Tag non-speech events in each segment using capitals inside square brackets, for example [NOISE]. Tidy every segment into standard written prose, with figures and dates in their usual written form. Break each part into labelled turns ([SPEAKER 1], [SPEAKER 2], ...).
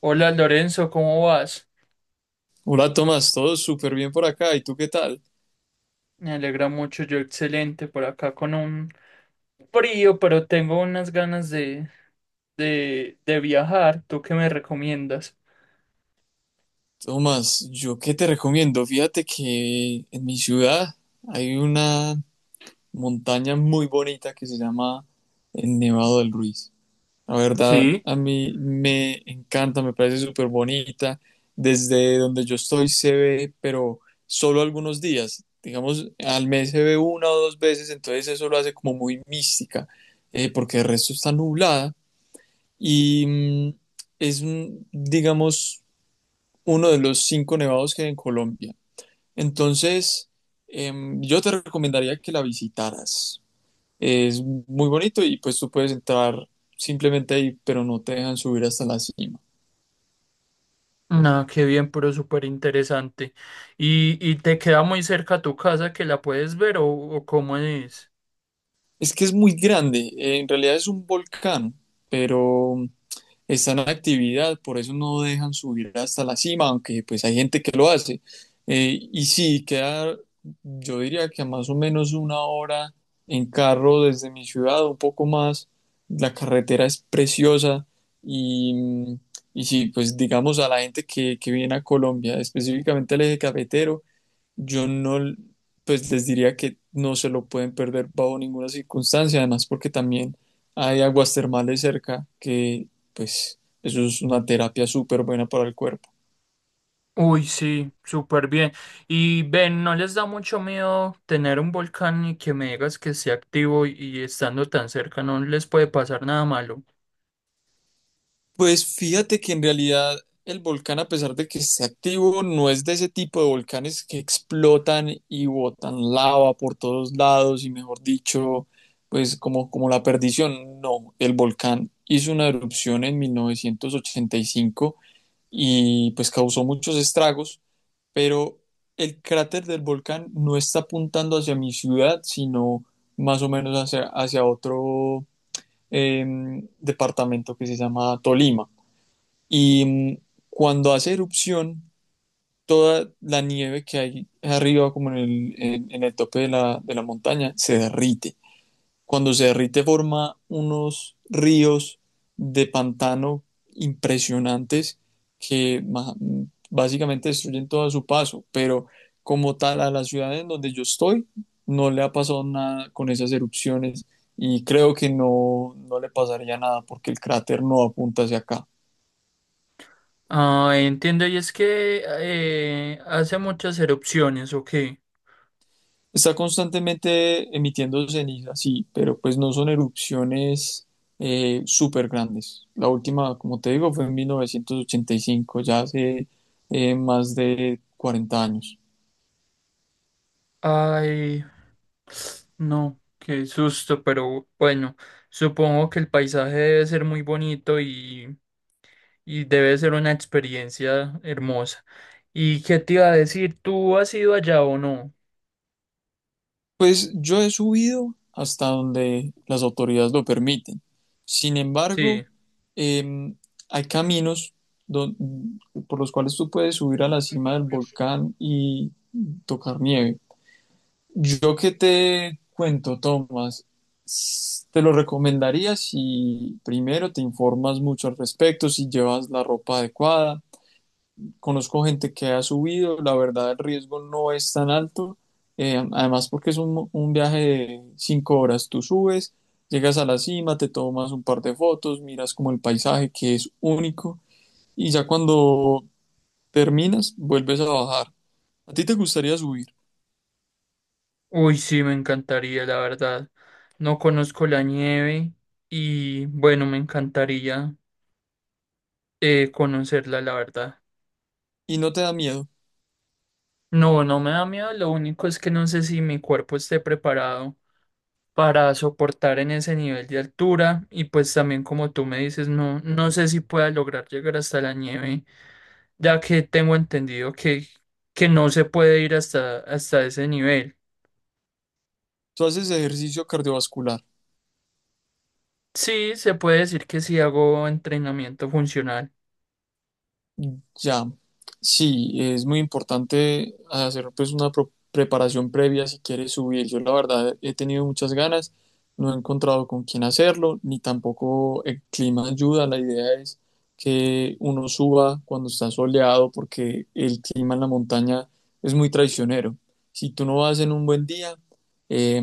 [SPEAKER 1] Hola Lorenzo, ¿cómo vas?
[SPEAKER 2] Hola Tomás, todo súper bien por acá. ¿Y tú qué tal?
[SPEAKER 1] Me alegra mucho, yo excelente por acá con un frío, pero tengo unas ganas de viajar. ¿Tú qué me recomiendas?
[SPEAKER 2] Tomás, ¿yo qué te recomiendo? Fíjate que en mi ciudad hay una montaña muy bonita que se llama el Nevado del Ruiz. La verdad,
[SPEAKER 1] Sí.
[SPEAKER 2] a mí me encanta, me parece súper bonita. Desde donde yo estoy se ve, pero solo algunos días. Digamos, al mes se ve una o dos veces, entonces eso lo hace como muy mística, porque el resto está nublada y digamos, uno de los 5 nevados que hay en Colombia. Entonces, yo te recomendaría que la visitaras. Es muy bonito y pues tú puedes entrar simplemente ahí, pero no te dejan subir hasta la cima.
[SPEAKER 1] No, qué bien, pero súper interesante. ¿Y te queda muy cerca tu casa que la puedes ver o cómo es?
[SPEAKER 2] Es que es muy grande, en realidad es un volcán, pero están en actividad, por eso no dejan subir hasta la cima, aunque pues hay gente que lo hace. Y sí, queda, yo diría que a más o menos una hora en carro desde mi ciudad, un poco más. La carretera es preciosa y, y sí, pues digamos a la gente que viene a Colombia, específicamente al eje cafetero, yo no, pues les diría que no se lo pueden perder bajo ninguna circunstancia, además porque también hay aguas termales cerca, que pues eso es una terapia súper buena para el cuerpo.
[SPEAKER 1] Uy, sí, súper bien. Y ven, ¿no les da mucho miedo tener un volcán y que me digas que esté activo y estando tan cerca no les puede pasar nada malo?
[SPEAKER 2] Pues fíjate que en realidad el volcán, a pesar de que esté activo, no es de ese tipo de volcanes que explotan y botan lava por todos lados y mejor dicho, pues como la perdición. No, el volcán hizo una erupción en 1985 y pues causó muchos estragos, pero el cráter del volcán no está apuntando hacia mi ciudad, sino más o menos hacia otro departamento que se llama Tolima. Y cuando hace erupción, toda la nieve que hay arriba, como en en el tope de la montaña, se derrite. Cuando se derrite forma unos ríos de pantano impresionantes que ma- básicamente destruyen todo a su paso, pero como tal a la ciudad en donde yo estoy no le ha pasado nada con esas erupciones y creo que no, no le pasaría nada porque el cráter no apunta hacia acá.
[SPEAKER 1] Ah, entiendo, y es que hace muchas erupciones, ok.
[SPEAKER 2] Está constantemente emitiendo ceniza, sí, pero pues no son erupciones súper grandes. La última, como te digo, fue en 1985, ya hace más de 40 años.
[SPEAKER 1] Ay, no, qué susto, pero bueno, supongo que el paisaje debe ser muy bonito y debe ser una experiencia hermosa. ¿Y qué te iba a decir? ¿Tú has ido allá o no?
[SPEAKER 2] Pues yo he subido hasta donde las autoridades lo permiten. Sin embargo,
[SPEAKER 1] Sí.
[SPEAKER 2] eh, hay caminos don- por los cuales tú puedes subir a la cima del volcán y tocar nieve. Yo que te cuento, Tomás, te lo recomendaría si primero te informas mucho al respecto, si llevas la ropa adecuada. Conozco gente que ha subido, la verdad el riesgo no es tan alto, además porque es un viaje de 5 horas, tú subes, llegas a la cima, te tomas un par de fotos, miras como el paisaje que es único y ya cuando terminas vuelves a bajar. ¿A ti te gustaría subir
[SPEAKER 1] Uy, sí, me encantaría, la verdad. No conozco la nieve y bueno, me encantaría conocerla, la verdad.
[SPEAKER 2] y no te da miedo?
[SPEAKER 1] No, no me da miedo, lo único es que no sé si mi cuerpo esté preparado para soportar en ese nivel de altura y pues también como tú me dices, no, no sé si pueda lograr llegar hasta la nieve, ya que tengo entendido que no se puede ir hasta ese nivel.
[SPEAKER 2] Tú haces ejercicio cardiovascular.
[SPEAKER 1] Sí, se puede decir que sí hago entrenamiento funcional.
[SPEAKER 2] Ya, sí, es muy importante hacer pues una preparación previa si quieres subir. Yo la verdad he tenido muchas ganas, no he encontrado con quién hacerlo, ni tampoco el clima ayuda. La idea es que uno suba cuando está soleado porque el clima en la montaña es muy traicionero. Si tú no vas en un buen día, eh,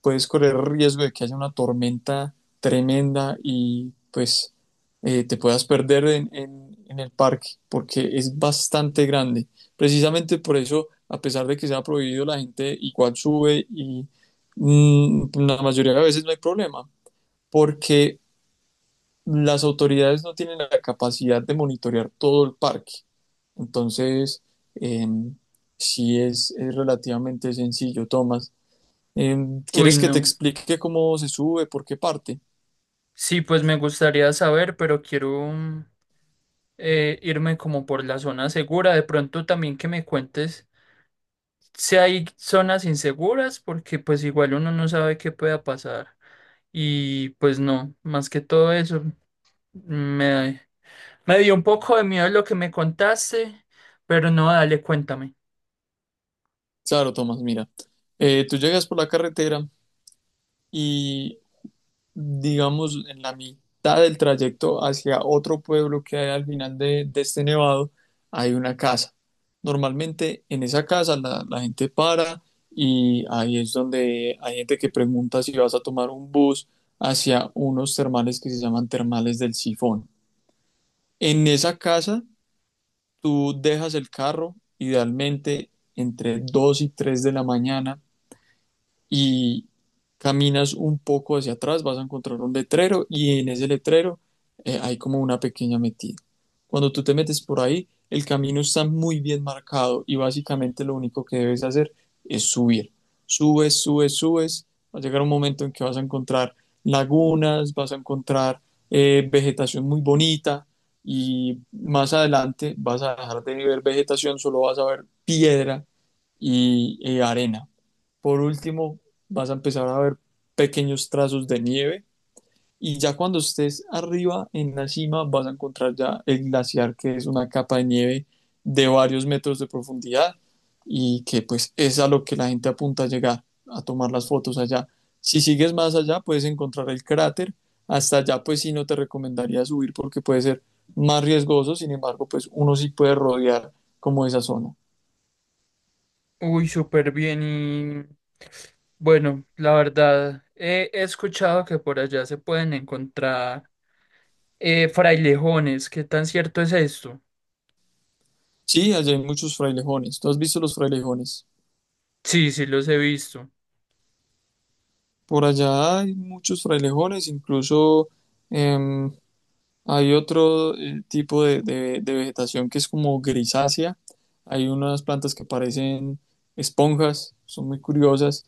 [SPEAKER 2] puedes correr el riesgo de que haya una tormenta tremenda y pues te puedas perder en el parque, porque es bastante grande. Precisamente por eso, a pesar de que se ha prohibido, la gente igual sube y la mayoría de veces no hay problema, porque las autoridades no tienen la capacidad de monitorear todo el parque. Entonces, eh, sí es relativamente sencillo, Tomás. Eh,
[SPEAKER 1] Uy,
[SPEAKER 2] ¿Quieres que te
[SPEAKER 1] no.
[SPEAKER 2] explique cómo se sube, por qué parte?
[SPEAKER 1] Sí, pues me gustaría saber, pero quiero irme como por la zona segura. De pronto también que me cuentes. Si hay zonas inseguras, porque pues igual uno no sabe qué pueda pasar. Y pues no, más que todo eso, me, me dio un poco de miedo lo que me contaste, pero no, dale, cuéntame.
[SPEAKER 2] Claro, Tomás, mira, tú llegas por la carretera y digamos, en la mitad del trayecto hacia otro pueblo que hay al final de este nevado, hay una casa. Normalmente en esa casa la gente para y ahí es donde hay gente que pregunta si vas a tomar un bus hacia unos termales que se llaman termales del Sifón. En esa casa tú dejas el carro, idealmente entre 2 y 3 de la mañana, y caminas un poco hacia atrás, vas a encontrar un letrero y en ese letrero hay como una pequeña metida. Cuando tú te metes por ahí, el camino está muy bien marcado y básicamente lo único que debes hacer es subir. Subes, subes, subes. Va a llegar un momento en que vas a encontrar lagunas, vas a encontrar vegetación muy bonita y más adelante vas a dejar de ver vegetación, solo vas a ver piedra y arena. Por último, vas a empezar a ver pequeños trazos de nieve y ya cuando estés arriba en la cima vas a encontrar ya el glaciar que es una capa de nieve de varios metros de profundidad y que pues es a lo que la gente apunta a llegar, a tomar las fotos allá. Si sigues más allá puedes encontrar el cráter, hasta allá pues sí no te recomendaría subir porque puede ser más riesgoso, sin embargo pues uno sí puede rodear como esa zona.
[SPEAKER 1] Uy, súper bien y bueno, la verdad, he escuchado que por allá se pueden encontrar frailejones, ¿qué tan cierto es esto?
[SPEAKER 2] Sí, allá hay muchos frailejones. ¿Tú has visto los frailejones?
[SPEAKER 1] Sí, sí, los he visto.
[SPEAKER 2] Por allá hay muchos frailejones, incluso em, hay otro tipo de, de vegetación que es como grisácea. Hay unas plantas que parecen esponjas, son muy curiosas.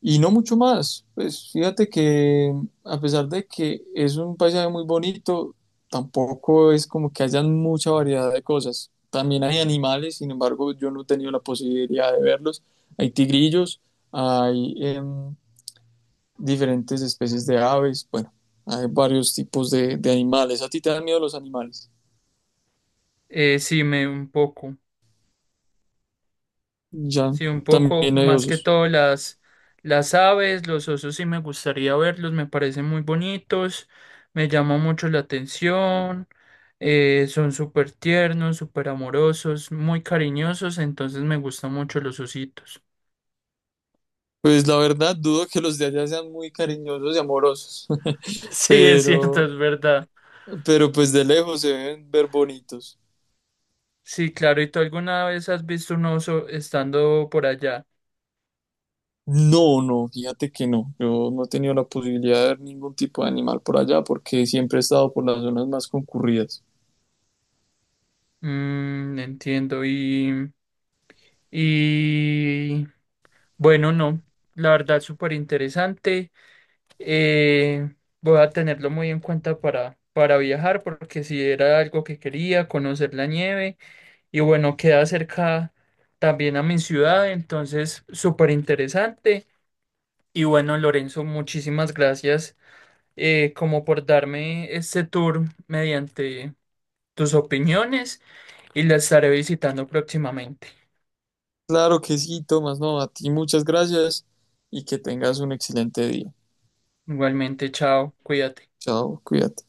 [SPEAKER 2] Y no mucho más. Pues fíjate que a pesar de que es un paisaje muy bonito, tampoco es como que haya mucha variedad de cosas. También hay animales, sin embargo, yo no he tenido la posibilidad de verlos. Hay tigrillos, hay... diferentes especies de aves, bueno, hay varios tipos de animales. ¿A ti te dan miedo los animales?
[SPEAKER 1] Sí, me un poco.
[SPEAKER 2] Ya,
[SPEAKER 1] Sí, un poco
[SPEAKER 2] también hay
[SPEAKER 1] más que
[SPEAKER 2] osos.
[SPEAKER 1] todo las aves, los osos sí me gustaría verlos, me parecen muy bonitos, me llama mucho la atención, son súper tiernos, súper amorosos, muy cariñosos, entonces me gustan mucho los ositos.
[SPEAKER 2] Pues la verdad, dudo que los de allá sean muy cariñosos y amorosos,
[SPEAKER 1] [LAUGHS]
[SPEAKER 2] [LAUGHS]
[SPEAKER 1] Sí, es cierto,
[SPEAKER 2] pero,
[SPEAKER 1] es verdad.
[SPEAKER 2] pero pues de lejos se deben ver bonitos.
[SPEAKER 1] Sí, claro, ¿y tú alguna vez has visto un oso estando por allá?
[SPEAKER 2] No, no, fíjate que no. Yo no he tenido la posibilidad de ver ningún tipo de animal por allá porque siempre he estado por las zonas más concurridas.
[SPEAKER 1] Mm, entiendo, y bueno, no, la verdad súper interesante. Eh, Voy a tenerlo muy en cuenta para viajar, porque si era algo que quería, conocer la nieve, y bueno, queda cerca también a mi ciudad, entonces súper interesante. Y bueno, Lorenzo, muchísimas gracias como por darme este tour mediante tus opiniones y la estaré visitando próximamente.
[SPEAKER 2] Claro que sí, Tomás, no, a ti muchas gracias y que tengas un excelente día.
[SPEAKER 1] Igualmente, chao, cuídate.
[SPEAKER 2] Chao, cuídate.